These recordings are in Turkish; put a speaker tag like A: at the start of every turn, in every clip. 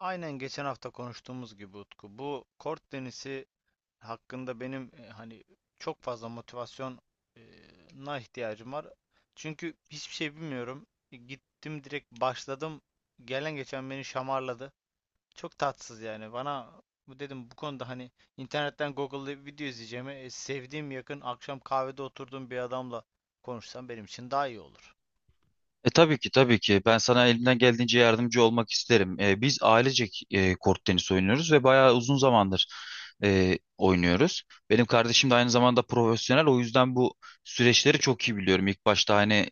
A: Aynen geçen hafta konuştuğumuz gibi Utku, bu kort tenisi hakkında benim hani çok fazla motivasyona ihtiyacım var. Çünkü hiçbir şey bilmiyorum. Gittim direkt başladım. Gelen geçen beni şamarladı. Çok tatsız yani. Bana bu dedim bu konuda hani internetten Google'da video izleyeceğime sevdiğim yakın akşam kahvede oturduğum bir adamla konuşsam benim için daha iyi olur.
B: Tabii ki, tabii ki. Ben sana elimden geldiğince yardımcı olmak isterim. Biz ailecek kort tenisi oynuyoruz ve bayağı uzun zamandır oynuyoruz. Benim kardeşim de aynı zamanda profesyonel. O yüzden bu süreçleri çok iyi biliyorum. İlk başta hani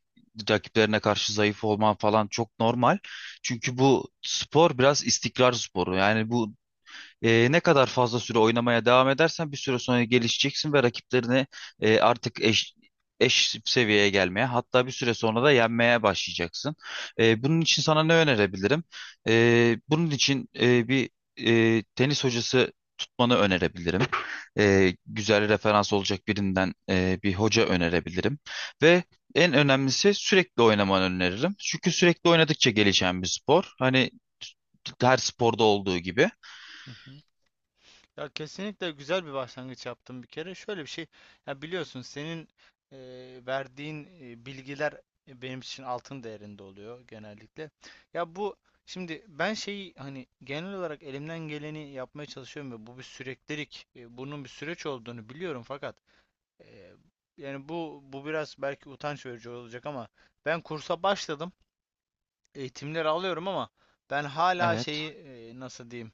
B: rakiplerine karşı zayıf olman falan çok normal. Çünkü bu spor biraz istikrar sporu. Yani ne kadar fazla süre oynamaya devam edersen bir süre sonra gelişeceksin ve rakiplerini artık eş seviyeye gelmeye, hatta bir süre sonra da yenmeye başlayacaksın. Bunun için sana ne önerebilirim? Bunun için tenis hocası tutmanı önerebilirim. Güzel referans olacak birinden bir hoca önerebilirim. Ve en önemlisi sürekli oynamanı öneririm. Çünkü sürekli oynadıkça gelişen bir spor. Hani her sporda olduğu gibi.
A: Ya kesinlikle güzel bir başlangıç yaptım bir kere. Şöyle bir şey, ya biliyorsun senin e, verdiğin bilgiler benim için altın değerinde oluyor genellikle. Ya şimdi ben şeyi hani genel olarak elimden geleni yapmaya çalışıyorum ve bu bir süreklilik, bunun bir süreç olduğunu biliyorum fakat e, yani bu biraz belki utanç verici olacak ama ben kursa başladım, eğitimleri alıyorum ama ben hala
B: Evet.
A: şeyi nasıl diyeyim?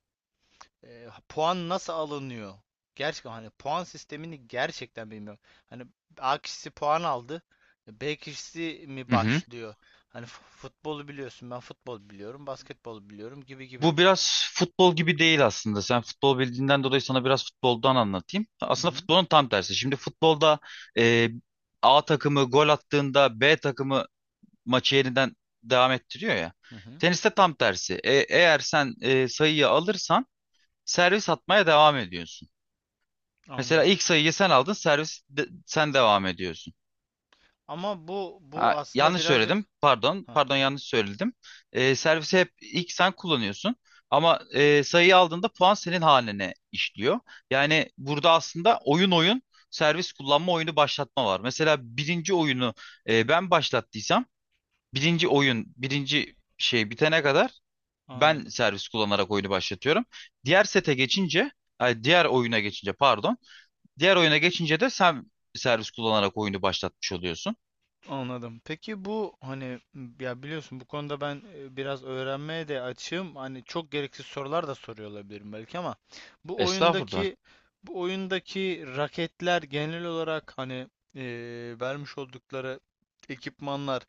A: Puan nasıl alınıyor? Gerçekten hani puan sistemini gerçekten bilmiyorum. Hani A kişisi puan aldı. B kişisi mi
B: Hı hı.
A: başlıyor? Hani futbolu biliyorsun. Ben futbol biliyorum. Basketbol biliyorum gibi gibi.
B: Bu biraz futbol gibi değil aslında. Sen futbol bildiğinden dolayı sana biraz futboldan anlatayım.
A: Hı
B: Aslında
A: hı.
B: futbolun tam tersi. Şimdi futbolda e, A takımı gol attığında B takımı maçı yeniden devam ettiriyor ya.
A: Hı hı.
B: Teniste tam tersi. Eğer sen sayıyı alırsan servis atmaya devam ediyorsun. Mesela
A: Anladım.
B: ilk sayıyı sen aldın, sen devam ediyorsun.
A: Ama bu
B: Ha,
A: aslında
B: yanlış
A: birazcık.
B: söyledim. Pardon.
A: Hah.
B: Pardon, yanlış söyledim. Servisi hep ilk sen kullanıyorsun. Ama sayıyı aldığında puan senin haline işliyor. Yani burada aslında oyun servis kullanma, oyunu başlatma var. Mesela birinci oyunu ben başlattıysam birinci oyun, birinci şey bitene kadar ben
A: Anladım.
B: servis kullanarak oyunu başlatıyorum. Diğer sete geçince diğer oyuna geçince pardon. Diğer oyuna geçince de sen servis kullanarak oyunu başlatmış oluyorsun.
A: Anladım. Peki bu hani m, ya biliyorsun bu konuda ben biraz öğrenmeye de açığım. Hani çok gereksiz sorular da soruyor olabilirim belki ama bu
B: Estağfurullah.
A: oyundaki bu oyundaki raketler genel olarak hani e, vermiş oldukları ekipmanlar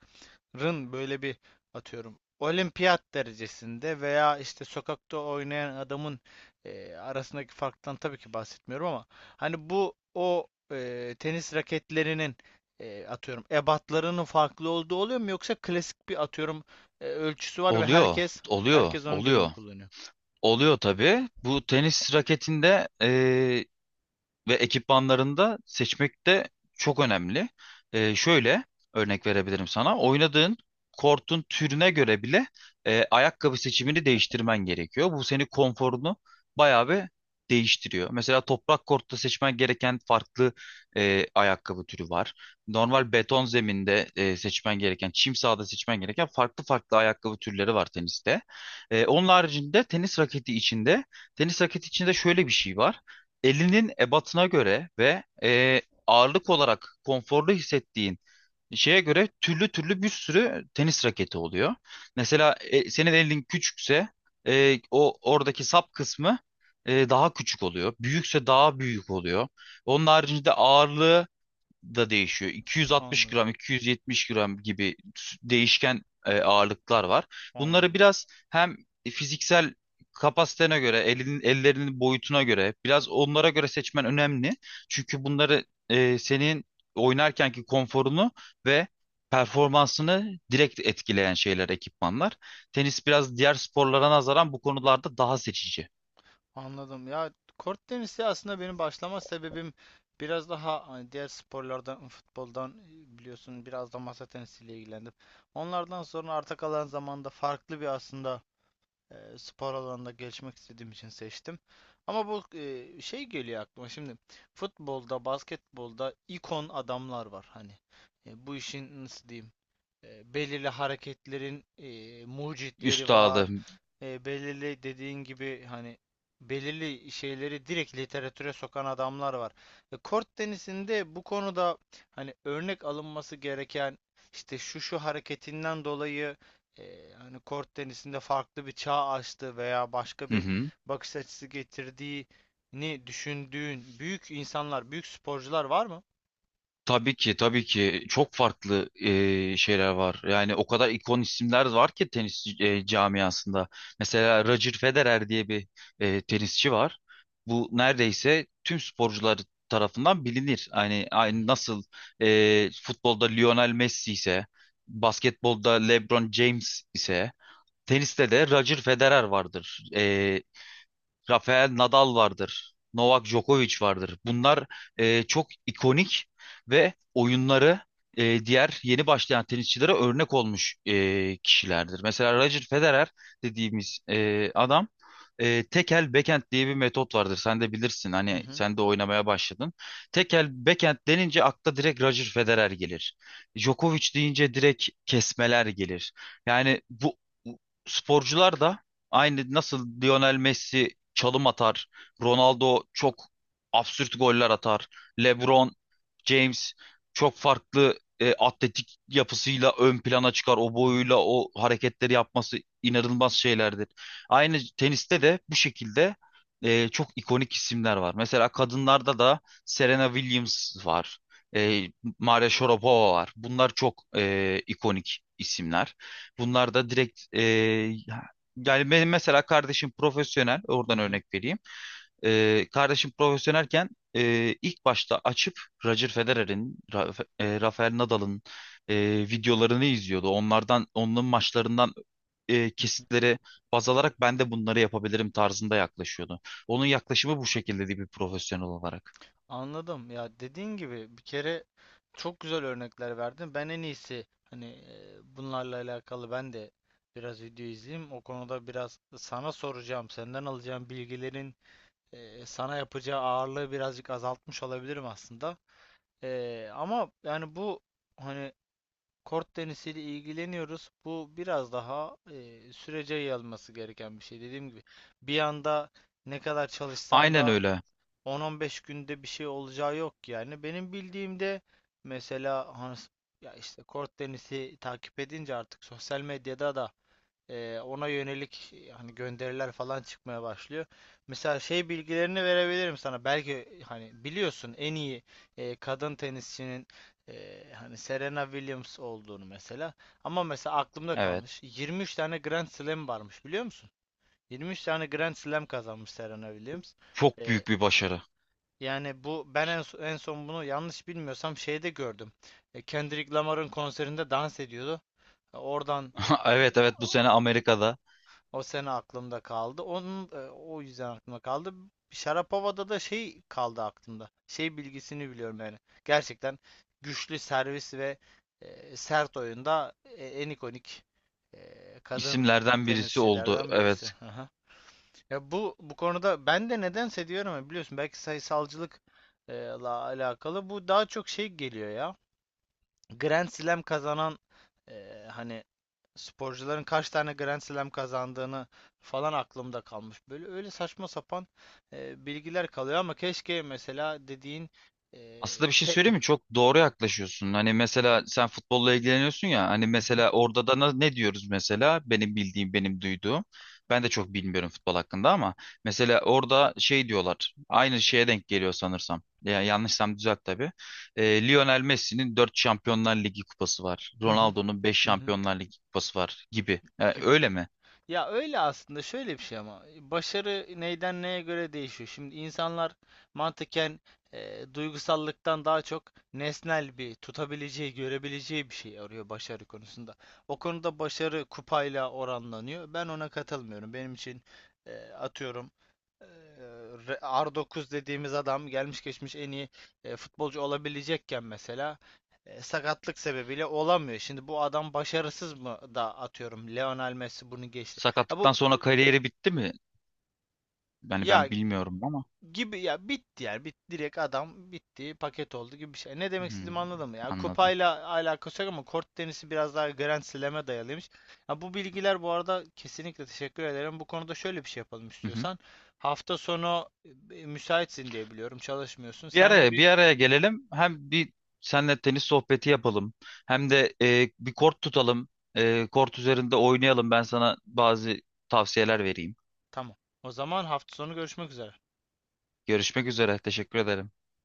A: rın böyle bir atıyorum olimpiyat derecesinde veya işte sokakta oynayan adamın arasındaki farktan tabii ki bahsetmiyorum ama hani bu o tenis raketlerinin atıyorum ebatlarının farklı olduğu oluyor mu yoksa klasik bir atıyorum ölçüsü var ve
B: Oluyor, oluyor,
A: herkes onun gibi mi
B: oluyor.
A: kullanıyor?
B: Oluyor tabii. Bu tenis raketinde ve ekipmanlarında seçmek de çok önemli. Şöyle örnek verebilirim sana. Oynadığın kortun türüne göre bile ayakkabı seçimini değiştirmen gerekiyor. Bu seni, konforunu bayağı bir değiştiriyor. Mesela toprak kortta seçmen gereken farklı ayakkabı türü var. Normal beton zeminde seçmen gereken, çim sahada seçmen gereken farklı farklı ayakkabı türleri var teniste. Onun haricinde tenis raketi içinde şöyle bir şey var: elinin ebatına göre ve ağırlık olarak konforlu hissettiğin şeye göre türlü türlü bir sürü tenis raketi oluyor. Mesela senin elin küçükse o oradaki sap kısmı daha küçük oluyor. Büyükse daha büyük oluyor. Onun haricinde ağırlığı da değişiyor. 260
A: Anladım.
B: gram, 270 gram gibi değişken ağırlıklar var. Bunları
A: Anladım.
B: biraz hem fiziksel kapasitene göre, ellerinin boyutuna göre, biraz onlara göre seçmen önemli. Çünkü bunları senin oynarkenki konforunu ve performansını direkt etkileyen şeyler, ekipmanlar. Tenis biraz diğer sporlara nazaran bu konularda daha seçici.
A: Anladım. Ya kort tenisi aslında benim başlama sebebim biraz daha hani diğer sporlardan, futboldan biliyorsun biraz da masa tenisiyle ilgilendim. Onlardan sonra arta kalan zamanda farklı bir aslında spor alanında gelişmek istediğim için seçtim. Ama bu şey geliyor aklıma şimdi futbolda, basketbolda ikon adamlar var hani. Bu işin nasıl diyeyim? Belirli hareketlerin mucitleri
B: Üstadı.
A: var. Belirli dediğin gibi hani belirli şeyleri direkt literatüre sokan adamlar var. Kort tenisinde bu konuda hani örnek alınması gereken işte şu şu hareketinden dolayı hani kort tenisinde farklı bir çağ açtı veya başka
B: Hı
A: bir
B: hı.
A: bakış açısı getirdiğini düşündüğün büyük insanlar, büyük sporcular var mı?
B: Tabii ki, tabii ki, çok farklı şeyler var. Yani o kadar ikon isimler var ki tenis camiasında. Mesela Roger Federer diye bir tenisçi var. Bu neredeyse tüm sporcular tarafından bilinir. Hani
A: Hı
B: aynı
A: hı.
B: nasıl futbolda Lionel Messi ise, basketbolda LeBron James ise, teniste de Roger Federer vardır. Rafael Nadal vardır. Novak Djokovic vardır. Bunlar çok ikonik ve oyunları diğer yeni başlayan tenisçilere örnek olmuş kişilerdir. Mesela Roger Federer dediğimiz adam, tekel backhand diye bir metot vardır. Sen de bilirsin.
A: Hı
B: Hani
A: hı,
B: sen de oynamaya başladın. Tekel backhand denince akla direkt Roger Federer gelir. Djokovic deyince direkt kesmeler gelir. Yani bu sporcular da aynı nasıl Lionel Messi çalım atar, Ronaldo çok absürt goller atar, LeBron James çok farklı atletik yapısıyla ön plana çıkar. O
A: hı hı,
B: boyuyla o hareketleri yapması inanılmaz şeylerdir. Aynı teniste de bu şekilde çok ikonik isimler var. Mesela kadınlarda da Serena Williams var. E, Maria Sharapova var. Bunlar çok ikonik isimler. Bunlar da direkt yani benim mesela kardeşim profesyonel,
A: hı
B: oradan
A: hı,
B: örnek vereyim. Kardeşim profesyonelken ilk başta açıp Roger Federer'in, Rafael Nadal'ın e, videolarını izliyordu. Onlardan, onların maçlarından
A: hı hı.
B: kesitleri baz alarak ben de bunları yapabilirim tarzında yaklaşıyordu. Onun yaklaşımı bu şekildeydi, bir profesyonel olarak.
A: Anladım. Ya dediğin gibi bir kere çok güzel örnekler verdin. Ben en iyisi hani bunlarla alakalı ben de biraz video izleyeyim. O konuda biraz sana soracağım, senden alacağım bilgilerin sana yapacağı ağırlığı birazcık azaltmış olabilirim aslında. Ama yani bu hani kort tenisiyle ilgileniyoruz. Bu biraz daha sürece yayılması gereken bir şey. Dediğim gibi bir anda ne kadar çalışsam
B: Aynen
A: da
B: öyle.
A: 10-15 günde bir şey olacağı yok yani. Benim bildiğimde mesela Hans, ya işte kort tenisi takip edince artık sosyal medyada da ona yönelik hani gönderiler falan çıkmaya başlıyor. Mesela şey bilgilerini verebilirim sana. Belki hani biliyorsun en iyi kadın tenisçinin hani Serena Williams olduğunu mesela. Ama mesela aklımda
B: Evet.
A: kalmış. 23 tane Grand Slam varmış biliyor musun? 23 tane Grand Slam kazanmış Serena Williams.
B: Çok
A: E,
B: büyük bir başarı.
A: Yani bu ben en son bunu yanlış bilmiyorsam şeyde gördüm. Kendrick Lamar'ın konserinde dans ediyordu. Oradan e,
B: Evet, evet, bu sene Amerika'da
A: o sene aklımda kaldı. O yüzden aklımda kaldı. Şarapova'da da şey kaldı aklımda. Şey bilgisini biliyorum yani. Gerçekten güçlü servis ve sert oyunda en ikonik kadın
B: isimlerden birisi oldu.
A: tenisçilerden
B: Evet.
A: birisi. Ya bu konuda ben de nedense diyorum ya biliyorsun belki sayısalcılık la alakalı bu daha çok şey geliyor ya. Grand Slam kazanan hani sporcuların kaç tane Grand Slam kazandığını falan aklımda kalmış. Böyle öyle saçma sapan bilgiler kalıyor ama keşke mesela dediğin e,
B: Aslında bir şey
A: te-
B: söyleyeyim mi? Çok doğru yaklaşıyorsun. Hani mesela sen futbolla ilgileniyorsun ya. Hani
A: hı hı,
B: mesela orada da ne diyoruz mesela? Benim bildiğim, benim duyduğum. Ben de çok bilmiyorum futbol hakkında, ama mesela orada şey diyorlar. Aynı şeye denk geliyor sanırsam. Ya yanlışsam düzelt tabii. Lionel Messi'nin 4 Şampiyonlar Ligi kupası var,
A: hı hı,
B: Ronaldo'nun beş
A: hı hı
B: Şampiyonlar Ligi kupası var gibi. Yani
A: gibi.
B: öyle mi?
A: Ya öyle aslında şöyle bir şey ama başarı neyden neye göre değişiyor. Şimdi insanlar mantıken duygusallıktan daha çok nesnel bir tutabileceği, görebileceği bir şey arıyor başarı konusunda. O konuda başarı kupayla oranlanıyor. Ben ona katılmıyorum. Benim için atıyorum R9 dediğimiz adam gelmiş geçmiş en iyi futbolcu olabilecekken mesela sakatlık sebebiyle olamıyor. Şimdi bu adam başarısız mı da atıyorum Lionel Messi bunu geçti. Ya
B: Sakatlıktan
A: bu
B: sonra kariyeri bitti mi? Yani
A: ya
B: ben bilmiyorum ama.
A: gibi ya bitti yani direkt adam bitti paket oldu gibi bir şey. Ne demek
B: Hmm,
A: istediğimi anladın mı? Ya
B: anladım.
A: kupayla alakası yok ama kort tenisi biraz daha Grand Slam'e dayalıymış. Ya bu bilgiler bu arada kesinlikle teşekkür ederim. Bu konuda şöyle bir şey yapalım istiyorsan. Hafta sonu müsaitsin diye biliyorum. Çalışmıyorsun.
B: Bir
A: Senle
B: araya
A: bir
B: bir araya gelelim. Hem bir senle tenis sohbeti yapalım. Hem de bir kort tutalım. Kort üzerinde oynayalım. Ben sana bazı tavsiyeler vereyim.
A: tamam. O zaman hafta sonu görüşmek üzere.
B: Görüşmek üzere. Teşekkür ederim.